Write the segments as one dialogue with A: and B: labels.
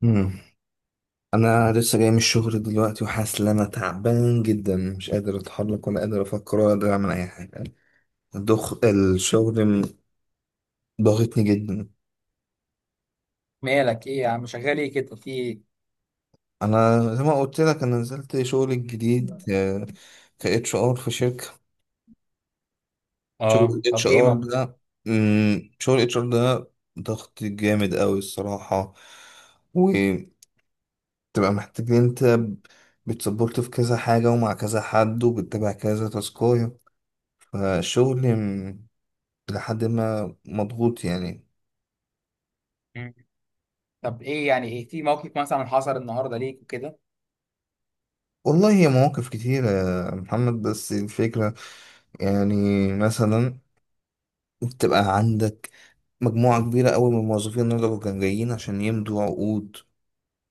A: مم. انا لسه جاي من الشغل دلوقتي وحاسس ان انا تعبان جدا، مش قادر اتحرك ولا قادر افكر ولا قادر اعمل اي حاجه. الدخ الشغل م- ضاغطني جدا.
B: مالك ايه يا عم، شغال ايه كده، في ايه؟
A: انا زي ما قلت لك انا نزلت شغل جديد، ك اتش ار في شركه. شغل
B: اه،
A: اتش
B: طب ايه
A: ار ده شغل اتش ار ده ضغط جامد قوي الصراحه. وتبقى محتاج إن انت بتسبورت في كذا حاجه ومع كذا حد وبتتابع كذا تاسكايه، فالشغل لحد ما مضغوط يعني.
B: مم. طب ايه يعني، ايه في موقف مثلا حصل النهارده ليك وكده؟
A: والله هي مواقف كتيرة يا محمد، بس الفكرة يعني مثلا بتبقى عندك مجموعة كبيرة أوي من الموظفين. النهاردة كانوا جايين عشان يمضوا عقود،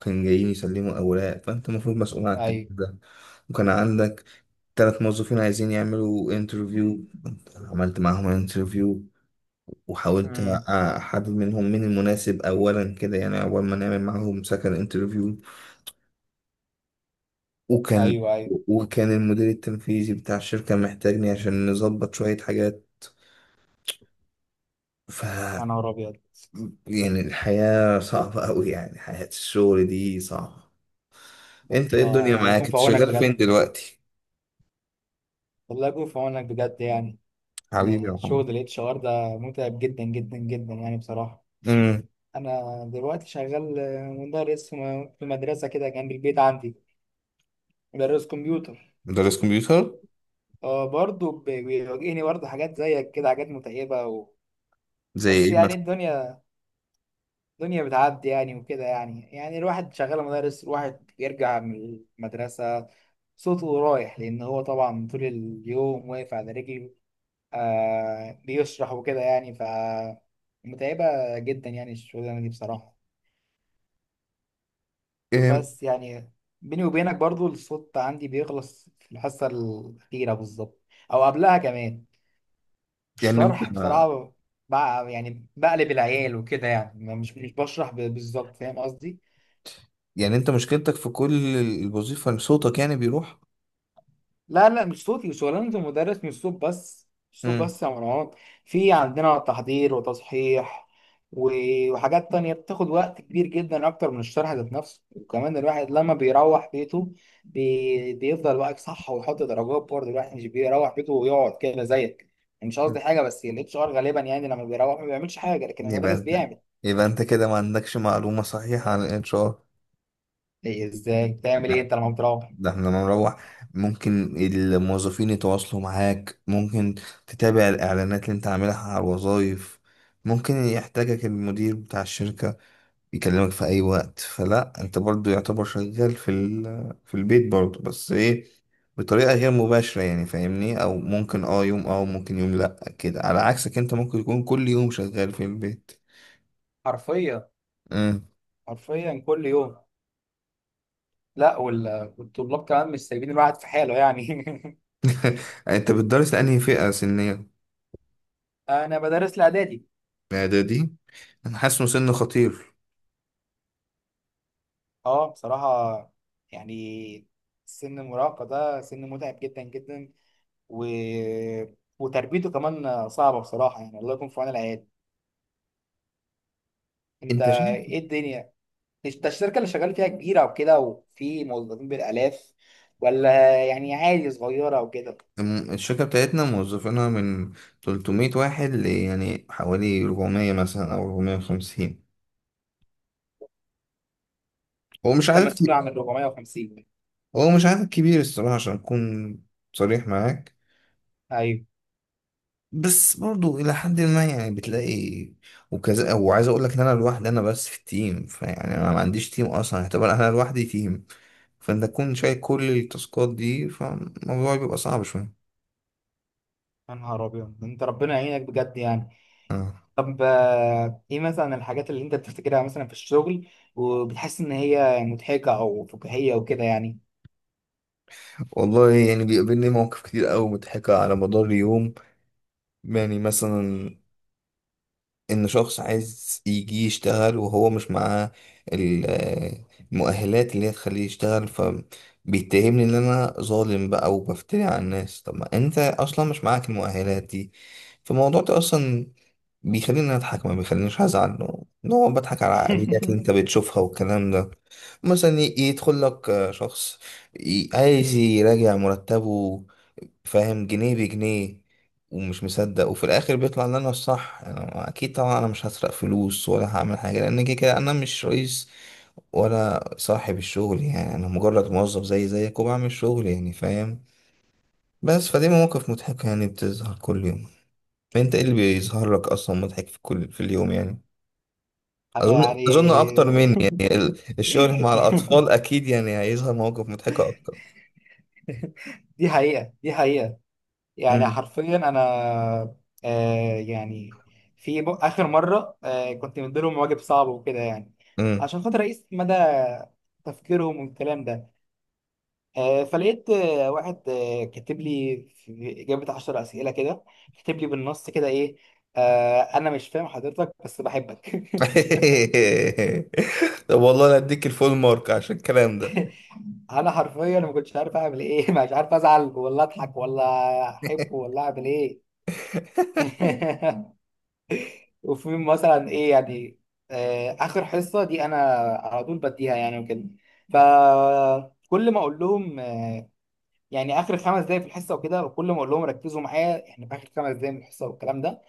A: كانوا جايين يسلموا أوراق، فأنت المفروض مسؤول عن الكلام
B: ايوه.
A: ده. وكان عندك تلات موظفين عايزين يعملوا انترفيو، عملت معاهم انترفيو وحاولت
B: امم.
A: أحدد منهم مين المناسب أولا، كده يعني أول ما نعمل معاهم سكن انترفيو. وكان
B: ايوه ايوه.
A: وكان المدير التنفيذي بتاع الشركة محتاجني عشان نظبط شوية حاجات. ف
B: يا نهار ابيض،
A: يعني الحياة صعبة أوي، يعني حياة الشغل دي صعبة.
B: ده
A: أنت إيه
B: انت
A: الدنيا
B: الله
A: معاك؟
B: يكون في
A: أنت
B: عونك
A: شغال فين
B: بجد.
A: دلوقتي؟
B: الله يكون في عونك بجد يعني.
A: حبيبي يا
B: إن
A: محمد.
B: شغل الاتش ار ده متعب جدا جدا جدا يعني بصراحه.
A: امم.
B: انا دلوقتي شغال مدرس في مدرسه كده جنب البيت عندي. مدرس كمبيوتر.
A: مدرس كمبيوتر.
B: اه برضه بيواجهني برضه حاجات زيك كده، حاجات متعبه
A: زي
B: بس
A: ايه
B: يعني
A: مثلا.
B: الدنيا، الدنيا بتعدي يعني وكده يعني. يعني الواحد شغال مدرس، الواحد بيرجع من المدرسة صوته رايح، لأن هو طبعا طول اليوم واقف على رجله، آه، بيشرح وكده يعني. ف متعبة جدا يعني الشغلانة دي بصراحة.
A: إيه،
B: بس يعني بيني وبينك برضو الصوت عندي بيخلص في الحصة الأخيرة بالظبط، أو قبلها كمان
A: يعني انت،
B: الشرح بصراحة. بقى يعني بقلب العيال وكده يعني، مش بشرح بالظبط، فاهم قصدي؟
A: يعني انت مشكلتك في كل الوظيفة ان صوتك يعني بيروح.
B: لا، لا، مش صوتي، شغلانة المدرس مش صوت بس، مش صوت
A: امم.
B: بس يا مروان. في عندنا تحضير وتصحيح وحاجات تانية بتاخد وقت كبير جدا أكتر من الشرح ذات نفسه. وكمان الواحد لما بيروح بيته بيفضل واقف صح ويحط درجات برضه. الواحد مش بيروح بيته ويقعد كده زيك يعني، مش قصدي حاجة، بس الاتش ار غالبا يعني لما بيروح ما بيعملش حاجة، لكن
A: يبقى
B: المدرس
A: انت
B: بيعمل.
A: يبقى انت كده ما عندكش معلومة صحيحة عن الانشار.
B: إيه إزاي؟ بتعمل إيه أنت لما بتروح؟
A: ده احنا لما نروح ممكن الموظفين يتواصلوا معاك، ممكن تتابع الإعلانات اللي انت عاملها على الوظائف، ممكن يحتاجك المدير بتاع الشركة يكلمك في أي وقت، فلا انت برضو يعتبر شغال في ال... في البيت برضو، بس ايه، بطريقة غير مباشرة يعني فاهمني. أو ممكن اه يوم اه ممكن يوم لأ، كده على عكسك انت ممكن يكون كل يوم شغال في البيت.
B: حرفيا.
A: مم.
B: حرفيا كل يوم. لا والطلاب كمان مش سايبين الواحد في حاله يعني.
A: انت بتدرس لأنهي فئة سنية؟
B: انا بدرس الاعدادي.
A: إعدادي؟ أنا حاسه سن خطير.
B: اه بصراحه يعني سن المراهقه ده سن متعب جدا جدا و... وتربيته كمان صعبه بصراحه يعني. الله يكون في عون العيال. انت
A: انت شايف،
B: ايه الدنيا؟ انت الشركه اللي شغال فيها كبيره وكده وفي موظفين بالالاف، ولا يعني عادي صغيره وكده؟
A: الشركة بتاعتنا موظفينها من 300 واحد ل يعني حوالي 400 مثلا أو 450. هو مش
B: انت
A: عدد
B: مسؤول
A: كبير،
B: عن 450؟
A: هو مش عدد كبير الصراحة عشان أكون صريح معاك.
B: ايوه.
A: بس برضو إلى حد ما يعني بتلاقي وكذا. وعايز أقول لك إن أنا لوحدي، أنا بس في التيم، فيعني أنا ما عنديش تيم أصلا، اعتبر أنا لوحدي تيم. فأنت تكون شايل كل التاسكات دي، فالموضوع بيبقى صعب شوية.
B: يا نهار ابيض، انت ربنا يعينك بجد يعني.
A: آه.
B: طب آه، ايه مثلا الحاجات اللي انت بتفتكرها مثلا في الشغل وبتحس ان هي مضحكة او فكاهية وكده يعني؟
A: والله يعني بيقابلني مواقف كتير أوي مضحكة على مدار اليوم. يعني مثلا ان شخص عايز يجي يشتغل وهو مش معاه ال- آه، المؤهلات اللي هي تخليه يشتغل، فبيتهمني ان انا ظالم بقى وبفتري على الناس، طب ما انت اصلا مش معاك المؤهلات دي. فالموضوع ده اصلا بيخليني اضحك، ما بيخلينيش ازعل، ان هو بضحك على العقليات اللي انت بتشوفها والكلام ده. مثلا يدخل لك شخص عايز يراجع مرتبه، فاهم جنيه بجنيه ومش مصدق، وفي الاخر بيطلع ان انا الصح. انا اكيد طبعا انا مش هسرق فلوس ولا هعمل حاجه، لان كده كده انا مش رئيس ولا صاحب الشغل، يعني انا مجرد موظف زي زيك وبعمل شغل يعني، فاهم. بس فدي مواقف مضحكه يعني بتظهر كل يوم. انت ايه اللي بيظهر لك اصلا مضحك في كل في اليوم يعني؟
B: انا
A: اظن
B: يعني.
A: اظن اكتر مني، يعني الشغل مع الاطفال اكيد يعني هيظهر مواقف مضحكه اكتر.
B: دي حقيقة، دي حقيقة. يعني حرفيا انا، آه يعني في اخر مرة آه، كنت مديلهم واجب صعب وكده يعني،
A: امم.
B: عشان خاطر اقيس مدى تفكيرهم والكلام ده. آه، فلقيت آه، واحد آه، كاتب لي في إجابة عشر أسئلة كده، كاتب لي بالنص كده إيه؟ آه، أنا مش فاهم حضرتك بس بحبك.
A: طب والله انا اديك الفول مارك عشان الكلام ده.
B: أنا حرفيا ما كنتش عارف أعمل إيه. مش عارف أزعل ولا أضحك ولا أحب ولا أعمل إيه. وفي مثلا إيه يعني، آه، آخر حصة دي أنا على طول بديها يعني وكده. فكل ما أقول لهم آه، يعني آخر خمس دقايق في الحصة وكده، وكل ما أقول لهم ركزوا معايا إحنا في آخر خمس دقايق من الحصة والكلام ده،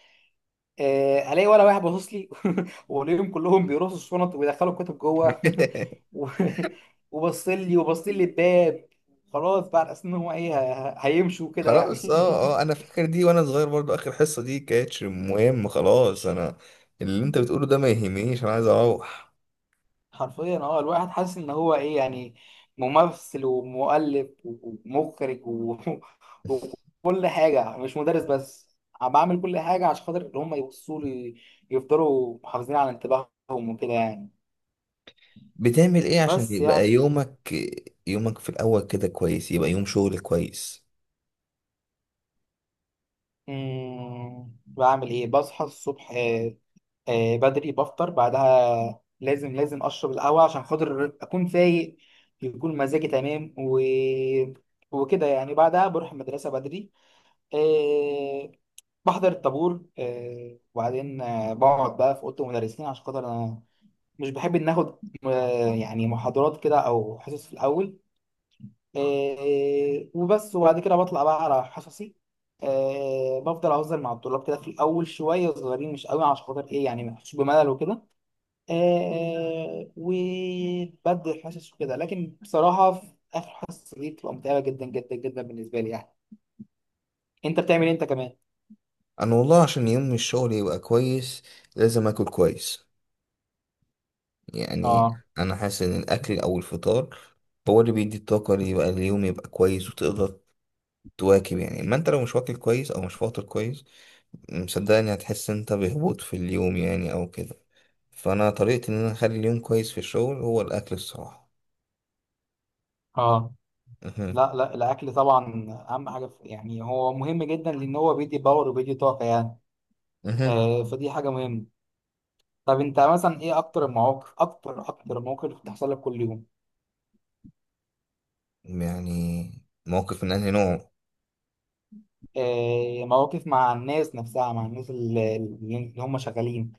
B: آه، الاقي ولا واحد باصص لي. والاقيهم كلهم بيرصوا الشنط ويدخلوا الكتب جوه. و- وبص لي وبص لي الباب، خلاص بقى على اساس ان هو ايه هيمشوا كده
A: خلاص، اه اه
B: يعني.
A: انا فاكر دي وانا صغير، برضو اخر حصة دي كانتش مهم، خلاص انا اللي انت بتقوله ده ما يهمنيش، انا عايز اروح.
B: حرفيا اه الواحد حاسس ان هو ايه يعني، ممثل ومؤلف ومخرج وكل حاجه مش مدرس بس. عم بعمل كل حاجه عشان خاطر ان هم يبصوا لي، يفضلوا محافظين على انتباههم وكده يعني.
A: بتعمل ايه عشان
B: بس يعني
A: يبقى يومك، يومك في الاول كده كويس، يبقى يوم شغل كويس؟
B: مم، بعمل ايه، بصحى الصبح آه، آه، بدري، بفطر، بعدها لازم لازم اشرب القهوه عشان خاطر اكون فايق، يكون مزاجي تمام وكده يعني. بعدها بروح المدرسه بدري، آه، بحضر الطابور، آه، وبعدين آه، بقعد بقى في اوضه المدرسين، عشان خاطر انا مش بحب ان اخد آه، يعني محاضرات كده او حصص في الاول. آه، وبس، وبعد كده بطلع بقى على حصصي. آه، بفضل اهزر مع الطلاب كده في الاول شويه صغيرين مش قوي، عشان خاطر ايه يعني ما يحسوش بملل وكده. آه، وبدي الحصص وكده، لكن بصراحه في اخر حصه دي بتبقى متعبه جدا جدا جدا بالنسبه لي يعني. انت بتعمل إيه انت كمان؟
A: انا والله عشان يوم الشغل يبقى كويس لازم اكل كويس يعني.
B: اه.
A: انا حاسس ان الاكل او الفطار هو اللي بيدي الطاقه اللي يبقى اليوم يبقى كويس وتقدر تواكب يعني. ما انت لو مش واكل كويس او مش فاطر كويس، مصدقني هتحس انت بهبوط في اليوم يعني او كده. فانا طريقتي ان انا اخلي اليوم كويس في الشغل هو الاكل الصراحه.
B: اه.
A: مهم.
B: لا، لا، الاكل طبعا اهم حاجه في يعني. هو مهم جدا لان هو بيدي باور وبيدي طاقه يعني.
A: مهم.
B: آه، فدي حاجه مهمه. طب انت مثلا ايه اكتر المواقف، اكتر المواقف بتحصل لك كل يوم؟
A: يعني موقف من انهي نوع؟
B: آه، مواقف مع الناس نفسها، مع الناس اللي هم شغالين،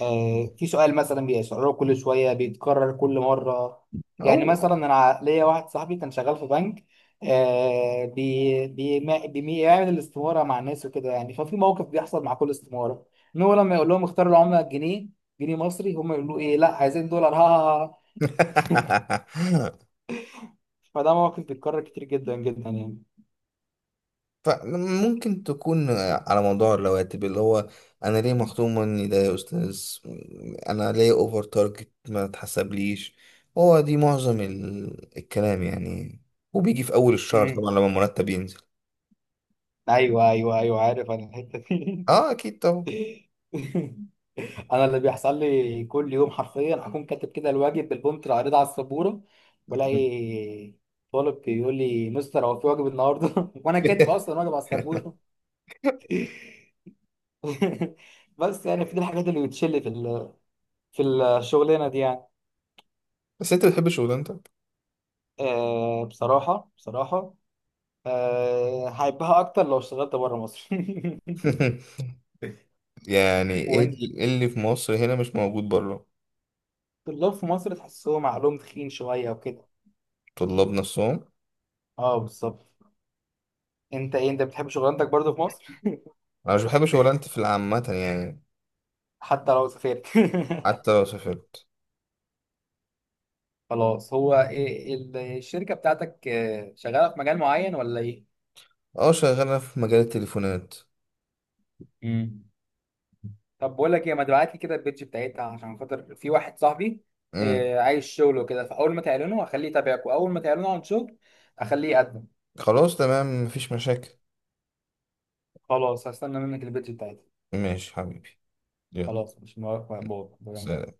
B: آه في سؤال مثلا بيسأله كل شوية، بيتكرر كل مرة. يعني
A: او
B: مثلا انا ليا واحد صاحبي كان شغال في بنك، آه، بي بي ما- بي- بيعمل الاستمارة مع الناس وكده يعني. ففي موقف بيحصل مع كل استمارة، ان هو لما يقول لهم اختاروا العملة الجنيه، جنيه مصري، هم يقولوا ايه؟ لا عايزين دولار، ها ها ها. فده موقف بيتكرر كتير جدا جدا يعني.
A: فممكن تكون على موضوع الرواتب اللي هو انا ليه مخصوم مني ده يا استاذ، انا ليه اوفر تارجت ما تحسبليش، هو دي معظم الكلام يعني. وبيجي في اول الشهر
B: مم.
A: طبعا لما المرتب ينزل.
B: ايوه ايوه ايوه، عارف انا الحته دي.
A: اه اكيد طبعا.
B: انا اللي بيحصل لي كل يوم حرفيا، اكون كاتب كده الواجب بالبومت العريضه على السبوره، والاقي طالب بيقول لي مستر هو في واجب النهارده؟ وانا كاتب اصلا واجب على السبوره. بس يعني في دي الحاجات اللي بتشل في في الشغلانه دي يعني.
A: بس انت بتحب شغلانتك؟
B: أه بصراحه بصراحه، أه هحبها اكتر لو اشتغلت بره مصر.
A: يعني ايه
B: وانت،
A: إيه اللي في مصر هنا مش موجود بره؟
B: الطلاب في مصر تحسهم عقلهم تخين شويه وكده.
A: طلاب نفسهم.
B: اه بالظبط. انت ايه، انت بتحب شغلانتك برضو في مصر؟
A: انا مش بحب شغلانتي في العامة يعني.
B: حتى لو سافرت؟
A: حتى لو سافرت.
B: خلاص، هو إيه الشركة بتاعتك آه، شغالة في مجال معين ولا ايه؟
A: اه شغالة في مجال التليفونات.
B: مم. طب بقول لك ايه، ما تبعت لي كده البيج بتاعتها عشان خاطر في واحد صاحبي آه، عايز شغل وكده. فاول ما تعلنوا هخليه يتابعك، واول ما تعلنوا عن شغل هخليه يقدم.
A: خلاص تمام، مفيش مشاكل.
B: خلاص هستنى منك البيج بتاعتها.
A: ماشي حبيبي، يلا،
B: خلاص، مش مبارك مقبول.
A: سلام.